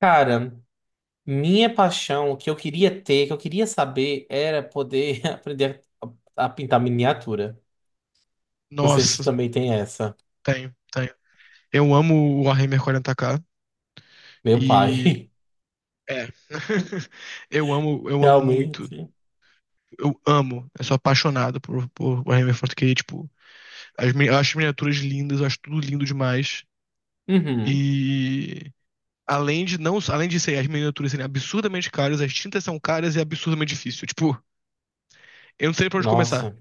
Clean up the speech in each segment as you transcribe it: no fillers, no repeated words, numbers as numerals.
Cara, minha paixão, o que eu queria ter, que eu queria saber, era poder aprender a pintar miniatura. Não sei se Nossa, tu também tem essa. tenho, tenho. Eu amo o Warhammer 40k Meu e pai, é. Eu amo, eu amo muito. realmente. Eu sou apaixonado por Warhammer 40k, tipo, eu acho as miniaturas lindas, eu acho tudo lindo demais. Uhum. E além de não, além de ser as miniaturas serem absurdamente caras, as tintas são caras e é absurdamente difícil. Tipo, eu não sei pra onde começar. Nossa.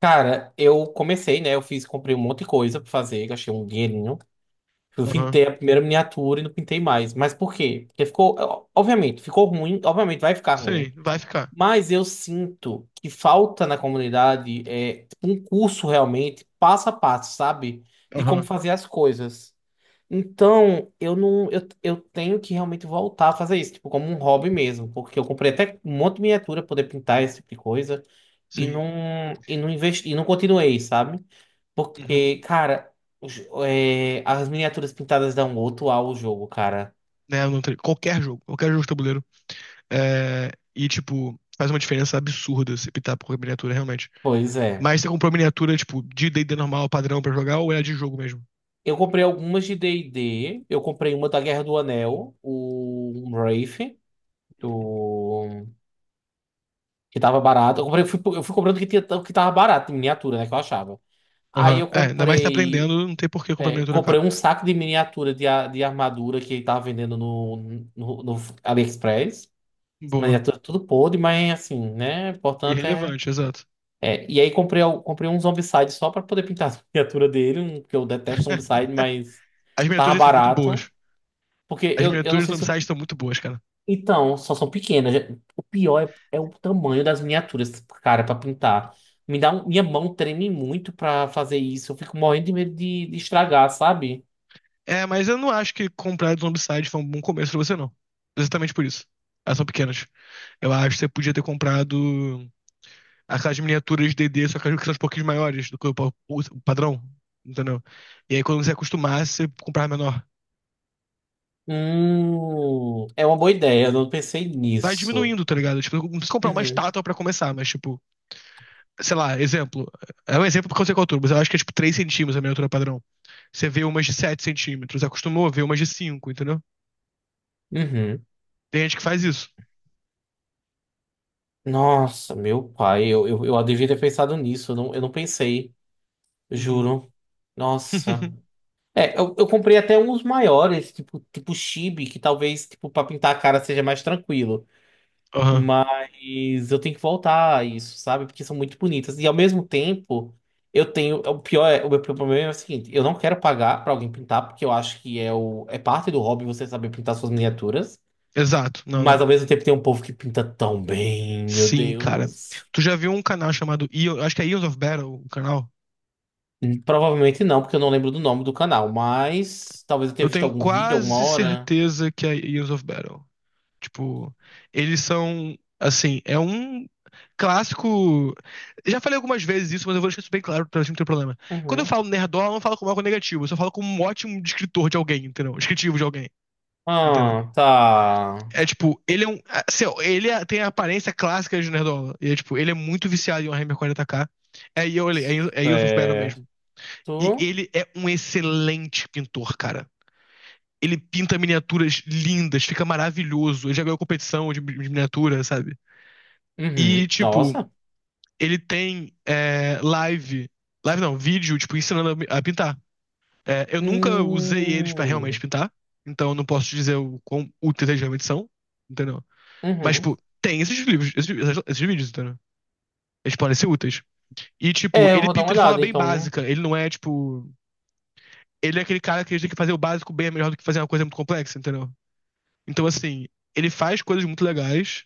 Cara, eu comecei, né? Eu fiz, comprei um monte de coisa pra fazer, gastei um dinheirinho. Eu Aham. pintei a primeira miniatura e não pintei mais. Mas por quê? Porque ficou, obviamente, ficou ruim, obviamente vai ficar ruim. Sim, vai ficar. Mas eu sinto que falta na comunidade é um curso realmente passo a passo, sabe? De como Aham. fazer as coisas. Então, eu não eu, eu tenho que realmente voltar a fazer isso, tipo, como um hobby mesmo, porque eu comprei até um monte de miniatura pra poder pintar esse tipo de coisa e Sim. não e não investi, e não continuei, sabe? Uhum. Porque, cara, os- as miniaturas pintadas dão outro ar ao jogo, cara. Né, eu não tenho- qualquer jogo de tabuleiro. É, e, tipo, faz uma diferença absurda se optar por miniatura, realmente. Pois é. Mas você comprou miniatura, tipo, de D&D normal, padrão pra jogar, ou é de jogo mesmo? Eu comprei algumas de D&D. Eu comprei uma da Guerra do Anel, o um Wraith, do... que tava barato. Eu comprei, eu fui, comprando o que, tinha, o que tava barato, de miniatura, né, que eu achava. Aí Aham. eu É, ainda mais se tá aprendendo, não tem por que comprar miniatura comprei cara. um saco de miniatura de armadura que ele tava vendendo no AliExpress. Boa. Miniatura tudo podre, mas assim, né? O importante é... Irrelevante, exato. E aí comprei um Zombicide só pra poder pintar a miniatura dele, um, que eu detesto Zombicide, mas As tava miniaturas são muito barato. boas. Porque As eu não miniaturas sei do se eu... Zombicide são muito boas, cara. Então, só são pequenas. O pior é o tamanho das miniaturas, cara, pra pintar. Me dá um- minha mão treme muito pra fazer isso. Eu fico morrendo de medo de estragar, sabe? É, mas eu não acho que comprar do Zombicide foi um bom começo pra você, não. Exatamente por isso. Elas são pequenas. Eu acho que você podia ter comprado aquelas miniaturas de DD, só que elas são um pouquinho maiores do que o padrão, entendeu? E aí quando você acostumar, você comprar menor. É uma boa ideia. Eu não pensei Vai nisso. diminuindo, tá ligado? Tipo, não precisa comprar uma Uhum, estátua pra começar, mas tipo, sei lá, exemplo. É um exemplo porque eu sei qual é altura, mas eu acho que é tipo 3 centímetros a miniatura padrão. Você vê umas de 7 centímetros, acostumou a ver umas de 5, entendeu? uhum. Tem gente que faz isso. Nossa, meu pai, eu devia ter pensado nisso. Eu não pensei, Uhum. juro. Nossa. É, eu comprei até uns maiores, tipo, tipo chibi, que talvez, tipo, pra pintar a cara seja mais tranquilo. Aham. Mas eu tenho que voltar a isso, sabe? Porque são muito bonitas. E ao mesmo tempo, eu tenho. O pior é, o meu problema é o seguinte: eu não quero pagar pra alguém pintar, porque eu acho que é parte do hobby você saber pintar suas miniaturas. Exato, não, Mas ao não. mesmo tempo tem um povo que pinta tão bem, meu Sim, cara. Deus. Tu já viu um canal chamado, acho que é Eons of Battle, o canal? Provavelmente não, porque eu não lembro do nome do canal, mas talvez eu Eu tenha visto tenho algum vídeo alguma quase hora. certeza que é Years of Battle. Tipo, eles são, assim, é um clássico. Já falei algumas vezes isso, mas eu vou deixar isso bem claro pra gente não ter problema. Quando eu Uhum. falo nerdola, eu não falo como algo negativo, eu só falo como um ótimo descritor de alguém, entendeu? Um descritivo de alguém, entendeu? Ah, tá. É tipo, ele é um, assim, ó, tem a aparência clássica de nerdola. E é tipo, ele é muito viciado em Warhammer 40k. É, é Years of Battle Certo. mesmo. E ele é um excelente pintor, cara. Ele pinta miniaturas lindas, fica maravilhoso. Ele já ganhou competição de miniatura, sabe? E, Uhum. tipo, Nossa. ele tem live. Live não, vídeo, tipo, ensinando a pintar. É, eu nunca usei eles pra realmente Hum. pintar. Então eu não posso te dizer o quão úteis eles realmente são. Entendeu? Mas, Uhum. tipo, tem esses livros, esses vídeos, entendeu? Eles podem ser úteis. E, tipo, É, eu ele vou dar uma pinta de forma olhada, bem então. básica. Ele não é, tipo. Ele é aquele cara que tem que fazer o básico bem é melhor do que fazer uma coisa muito complexa, entendeu? Então, assim, ele faz coisas muito legais.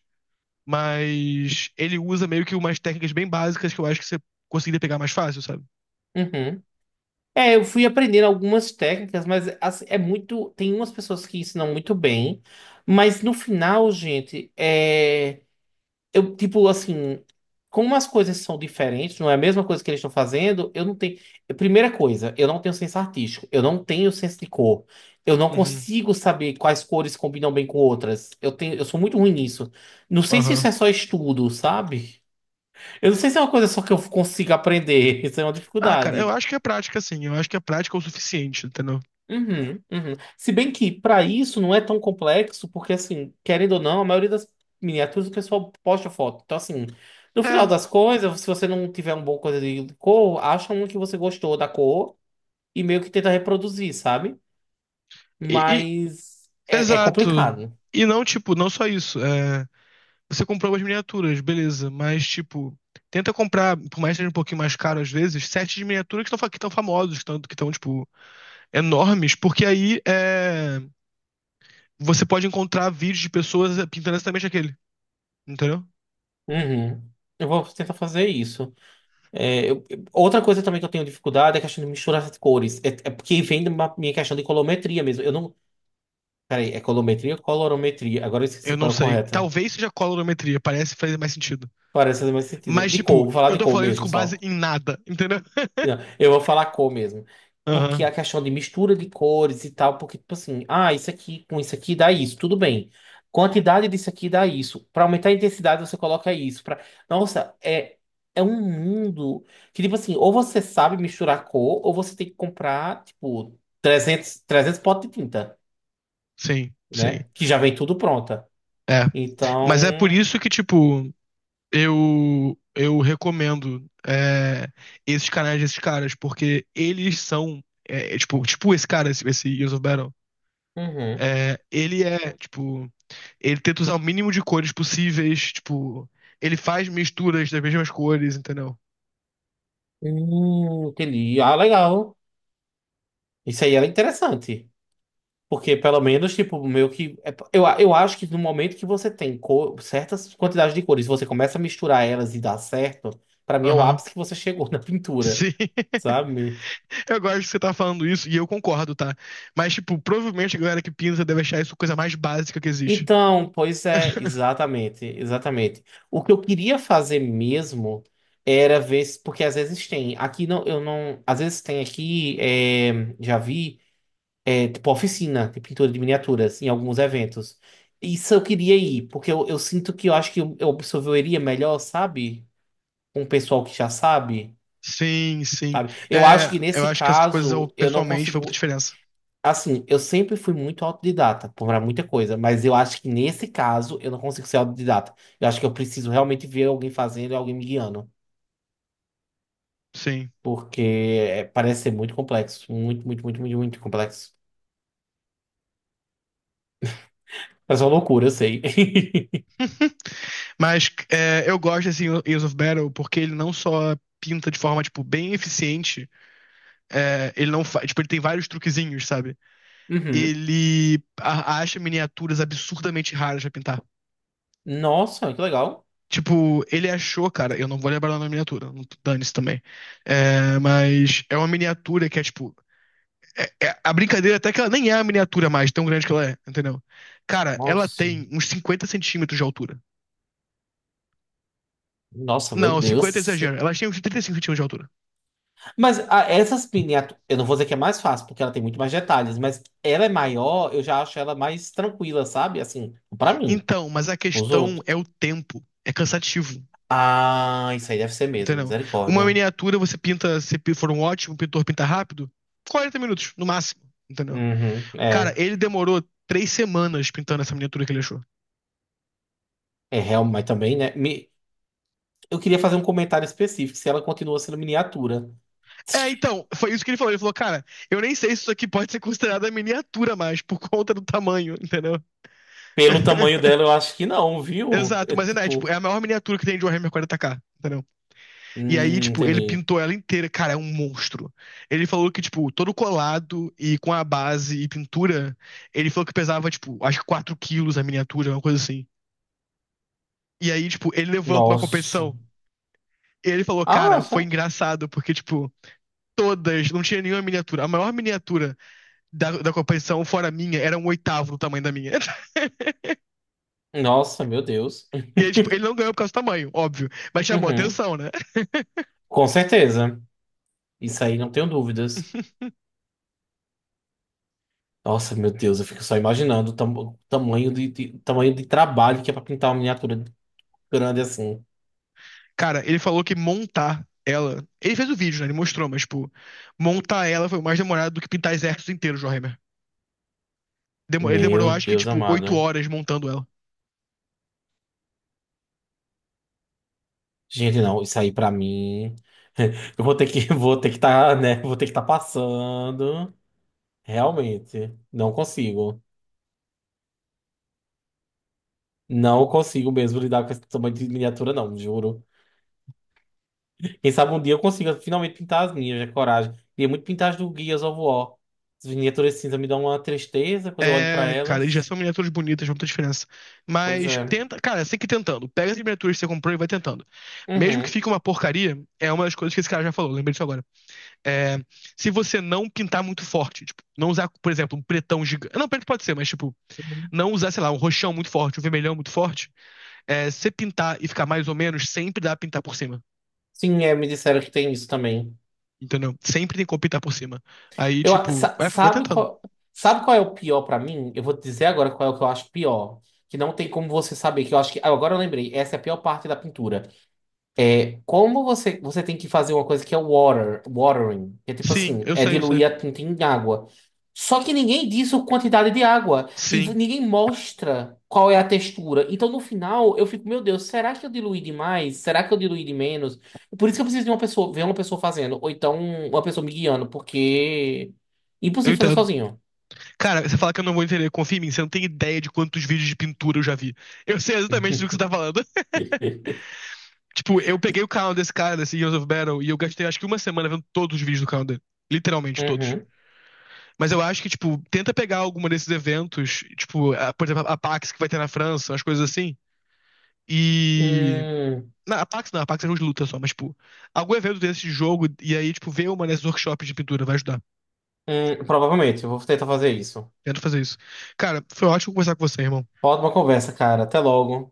Mas ele usa meio que umas técnicas bem básicas que eu acho que você conseguiria pegar mais fácil, sabe? Uhum. É, eu fui aprendendo algumas técnicas, mas assim, é muito. Tem umas pessoas que ensinam muito bem, mas no final, gente, é. Eu, tipo, assim. Como as coisas são diferentes, não é a mesma coisa que eles estão fazendo, eu não tenho. Primeira coisa, eu não tenho senso artístico, eu não tenho senso de cor. Eu não Uhum. consigo saber quais cores combinam bem com outras. Eu tenho, eu sou muito ruim nisso. Não sei se isso Aham. é só estudo, sabe? Eu não sei se é uma coisa só que eu consigo aprender. Isso é uma Ah, cara, dificuldade. eu acho que é prática, sim. Eu acho que a prática é o suficiente, entendeu? Uhum, uhum. Se bem que para isso não é tão complexo, porque assim, querendo ou não, a maioria das miniaturas o pessoal posta foto. Então, assim, no final É. das coisas, se você não tiver uma boa coisa de cor, acha um que você gostou da cor e meio que tenta reproduzir, sabe? E, Mas é exato. complicado. E não, tipo, não só isso. É, você comprou umas miniaturas, beleza, mas, tipo, tenta comprar, por mais que seja um pouquinho mais caro às vezes, sets de miniaturas que estão famosos, tanto que estão, tipo, enormes, porque aí você pode encontrar vídeos de pessoas pintando exatamente aquele, entendeu? Uhum. Eu vou tentar fazer isso. É, outra coisa também que eu tenho dificuldade é a questão de misturar as cores. É porque vem da minha questão de colometria mesmo. Eu não... Peraí, é colometria ou colorometria? Agora eu Eu esqueci não qual é a sei. correta. Talvez seja colorimetria, parece fazer mais sentido. Parece fazer mais sentido. Mas, De cor, tipo, vou falar eu de tô cor falando isso mesmo com só. base em nada, entendeu? Não, eu vou falar cor mesmo. Porque a Aham, questão de mistura de cores e tal, porque, tipo assim, ah, isso aqui com isso aqui dá isso, tudo bem. Quantidade disso aqui dá isso. Pra aumentar a intensidade, você coloca isso. Pra... Nossa, é, é um mundo que, tipo assim, ou você sabe misturar cor, ou você tem que comprar, tipo, trezentos potes de tinta, sim, sim. né? Que já vem tudo pronta. É, mas é por Então. isso que, tipo, eu recomendo esses canais desses caras, porque eles são, tipo esse cara, esse Years of Battle. Uhum. É, ele é, tipo, ele tenta usar o mínimo de cores possíveis, tipo, ele faz misturas das mesmas cores, entendeu? Entendi. Ah, legal. Isso aí era interessante. Porque pelo menos, tipo, meio que. Eu acho que no momento que você tem co- certas quantidades de cores, você começa a misturar elas e dá certo, pra mim é o Aham. ápice que você chegou na pintura, Sim, sabe? eu gosto que você tá falando isso e eu concordo, tá? Mas, tipo, provavelmente a galera que pinta deve achar isso a coisa mais básica que existe. Então, pois é, exatamente, exatamente. O que eu queria fazer mesmo era ver, se- porque às vezes tem, aqui não, eu não, às vezes tem aqui, é, já vi. É, tipo oficina de pintura de miniaturas em alguns eventos. Isso eu queria ir, porque eu sinto que eu acho que eu absorveria melhor, sabe? Com o pessoal que já sabe, Sim, sim. sabe? Eu É, acho que eu nesse acho que essas coisas, eu, caso eu não pessoalmente, faz consigo. muita diferença. Assim, eu sempre fui muito autodidata para muita coisa, mas eu acho que nesse caso eu não consigo ser autodidata. Eu acho que eu, preciso realmente ver alguém fazendo e alguém me guiando, Sim. porque parece ser muito complexo, muito, muito, muito, muito, muito complexo. Parece uma loucura, eu sei. Mas é, eu gosto desse Years of Battle porque ele não só pinta de forma, tipo, bem eficiente. É, ele não faz. Tipo, ele tem vários truquezinhos, sabe? Uhum. Ele acha miniaturas absurdamente raras pra pintar. Nossa, que legal. Tipo, ele achou, cara, eu não vou lembrar o nome da miniatura, dane-se também. É, mas é uma miniatura que é, tipo. A brincadeira até que ela nem é a miniatura mais, tão grande que ela é, entendeu? Cara, ela Nossa, tem uns 50 centímetros de altura. nossa, meu Não, Deus. 50 é exagero. Sim. Ela tem uns 35 centímetros de altura. Mas essas miniaturas, eu não vou dizer que é mais fácil, porque ela tem muito mais detalhes, mas ela é maior, eu já acho ela mais tranquila, sabe? Assim, pra mim, Então, mas a os questão outros. é o tempo. É cansativo, Ah, isso aí deve ser mesmo, entendeu? Uma misericórdia. miniatura você pinta, se for um ótimo pintor pinta rápido, 40 minutos, no máximo, entendeu? Uhum. Cara, é, ele demorou 3 semanas pintando essa miniatura que ele achou. é real, mas também, né? Eu queria fazer um comentário específico, se ela continua sendo miniatura. É, então, foi isso que ele falou. Ele falou, cara, eu nem sei se isso aqui pode ser considerada miniatura mais, por conta do tamanho, entendeu? Pelo tamanho dela, eu acho que não, viu? Exato, É mas ainda é, tipo, tipo, é a maior miniatura que tem de Warhammer 40k, entendeu? E aí, tipo, ele entendi. pintou ela inteira. Cara, é um monstro. Ele falou que, tipo, todo colado e com a base e pintura, ele falou que pesava, tipo, acho que 4 quilos a miniatura, uma coisa assim. E aí, tipo, ele levou ela pra uma Nossa. competição. E ele falou, Ah, cara, foi só. engraçado, porque, tipo, todas, não tinha nenhuma miniatura. A maior miniatura da competição, fora a minha, era um oitavo do tamanho da minha. Nossa, meu Deus. E aí, tipo, ele não ganhou por causa do tamanho, óbvio. Mas chamou Uhum. atenção, né? Com certeza. Isso aí não tenho dúvidas. Nossa, meu Deus, eu fico só imaginando o tamanho de trabalho que é pra pintar uma miniatura grande assim. Cara, ele falou que montar ela. Ele fez o vídeo, né? Ele mostrou, mas, tipo, montar ela foi mais demorado do que pintar exércitos inteiros de Warhammer. Ele demorou, Meu acho que, Deus tipo, oito amado. horas montando ela. Gente, não, isso aí pra mim. Eu vou ter que vou ter que estar, né? Vou ter que estar passando. Realmente, não consigo. Não consigo mesmo lidar com esse tamanho de miniatura, não, juro. Quem sabe um dia eu consiga finalmente pintar as minhas, é coragem. Queria muito pintar as do Gears of War. As miniaturas cinza me dão uma tristeza quando eu olho pra É, cara, eles já elas. são miniaturas bonitas, não tem diferença. Pois Mas é. tenta, cara, você tem que ir tentando. Pega as miniaturas que você comprou e vai tentando. Mesmo que Uhum. fique uma porcaria, é uma das coisas que esse cara já falou, lembrei disso agora. É, se você não pintar muito forte, tipo, não usar, por exemplo, um pretão gigante. Não, preto pode ser, mas, tipo, Uhum. não usar, sei lá, um roxão muito forte, um vermelhão muito forte. É, se pintar e ficar mais ou menos, sempre dá pra pintar por cima. Sim, é, me disseram que tem isso também. Entendeu? Sempre tem como pintar por cima. Aí, Eu, tipo, sa- vai, vai tentando. Sabe qual é o pior pra mim? Eu vou te dizer agora qual é o que eu acho pior. Que não tem como você saber, que eu acho que... ah, agora eu lembrei, essa é a pior parte da pintura. É, como você, você tem que fazer uma coisa que é water, watering, que é tipo Sim, assim, eu é sei, eu sei. diluir a tinta em água. Só que ninguém diz a quantidade de água e Sim, ninguém mostra qual é a textura. Então no final eu fico, meu Deus, será que eu diluí demais? Será que eu diluí de menos? Por isso que eu preciso de uma pessoa, ver uma pessoa fazendo, ou então uma pessoa me guiando, porque é eu impossível fazer entendo. sozinho. Cara, você fala que eu não vou entender, confia em mim, você não tem ideia de quantos vídeos de pintura eu já vi. Eu sei exatamente do que você tá falando. Tipo, eu peguei o canal desse cara, desse Heroes of Battle, e eu gastei acho que uma semana vendo todos os vídeos do canal dele. Literalmente todos. Uhum. Mas eu acho que, tipo, tenta pegar alguma desses eventos, tipo, por exemplo, a PAX que vai ter na França, umas coisas assim, e Hum, Não, a Pax não, a Pax é jogo de luta só, mas, tipo, algum evento desse de jogo, e aí, tipo, ver uma desses workshops de pintura vai ajudar. Provavelmente, eu vou tentar fazer isso. Tenta fazer isso. Cara, foi ótimo conversar com você, irmão. Ótima conversa, cara. Até logo.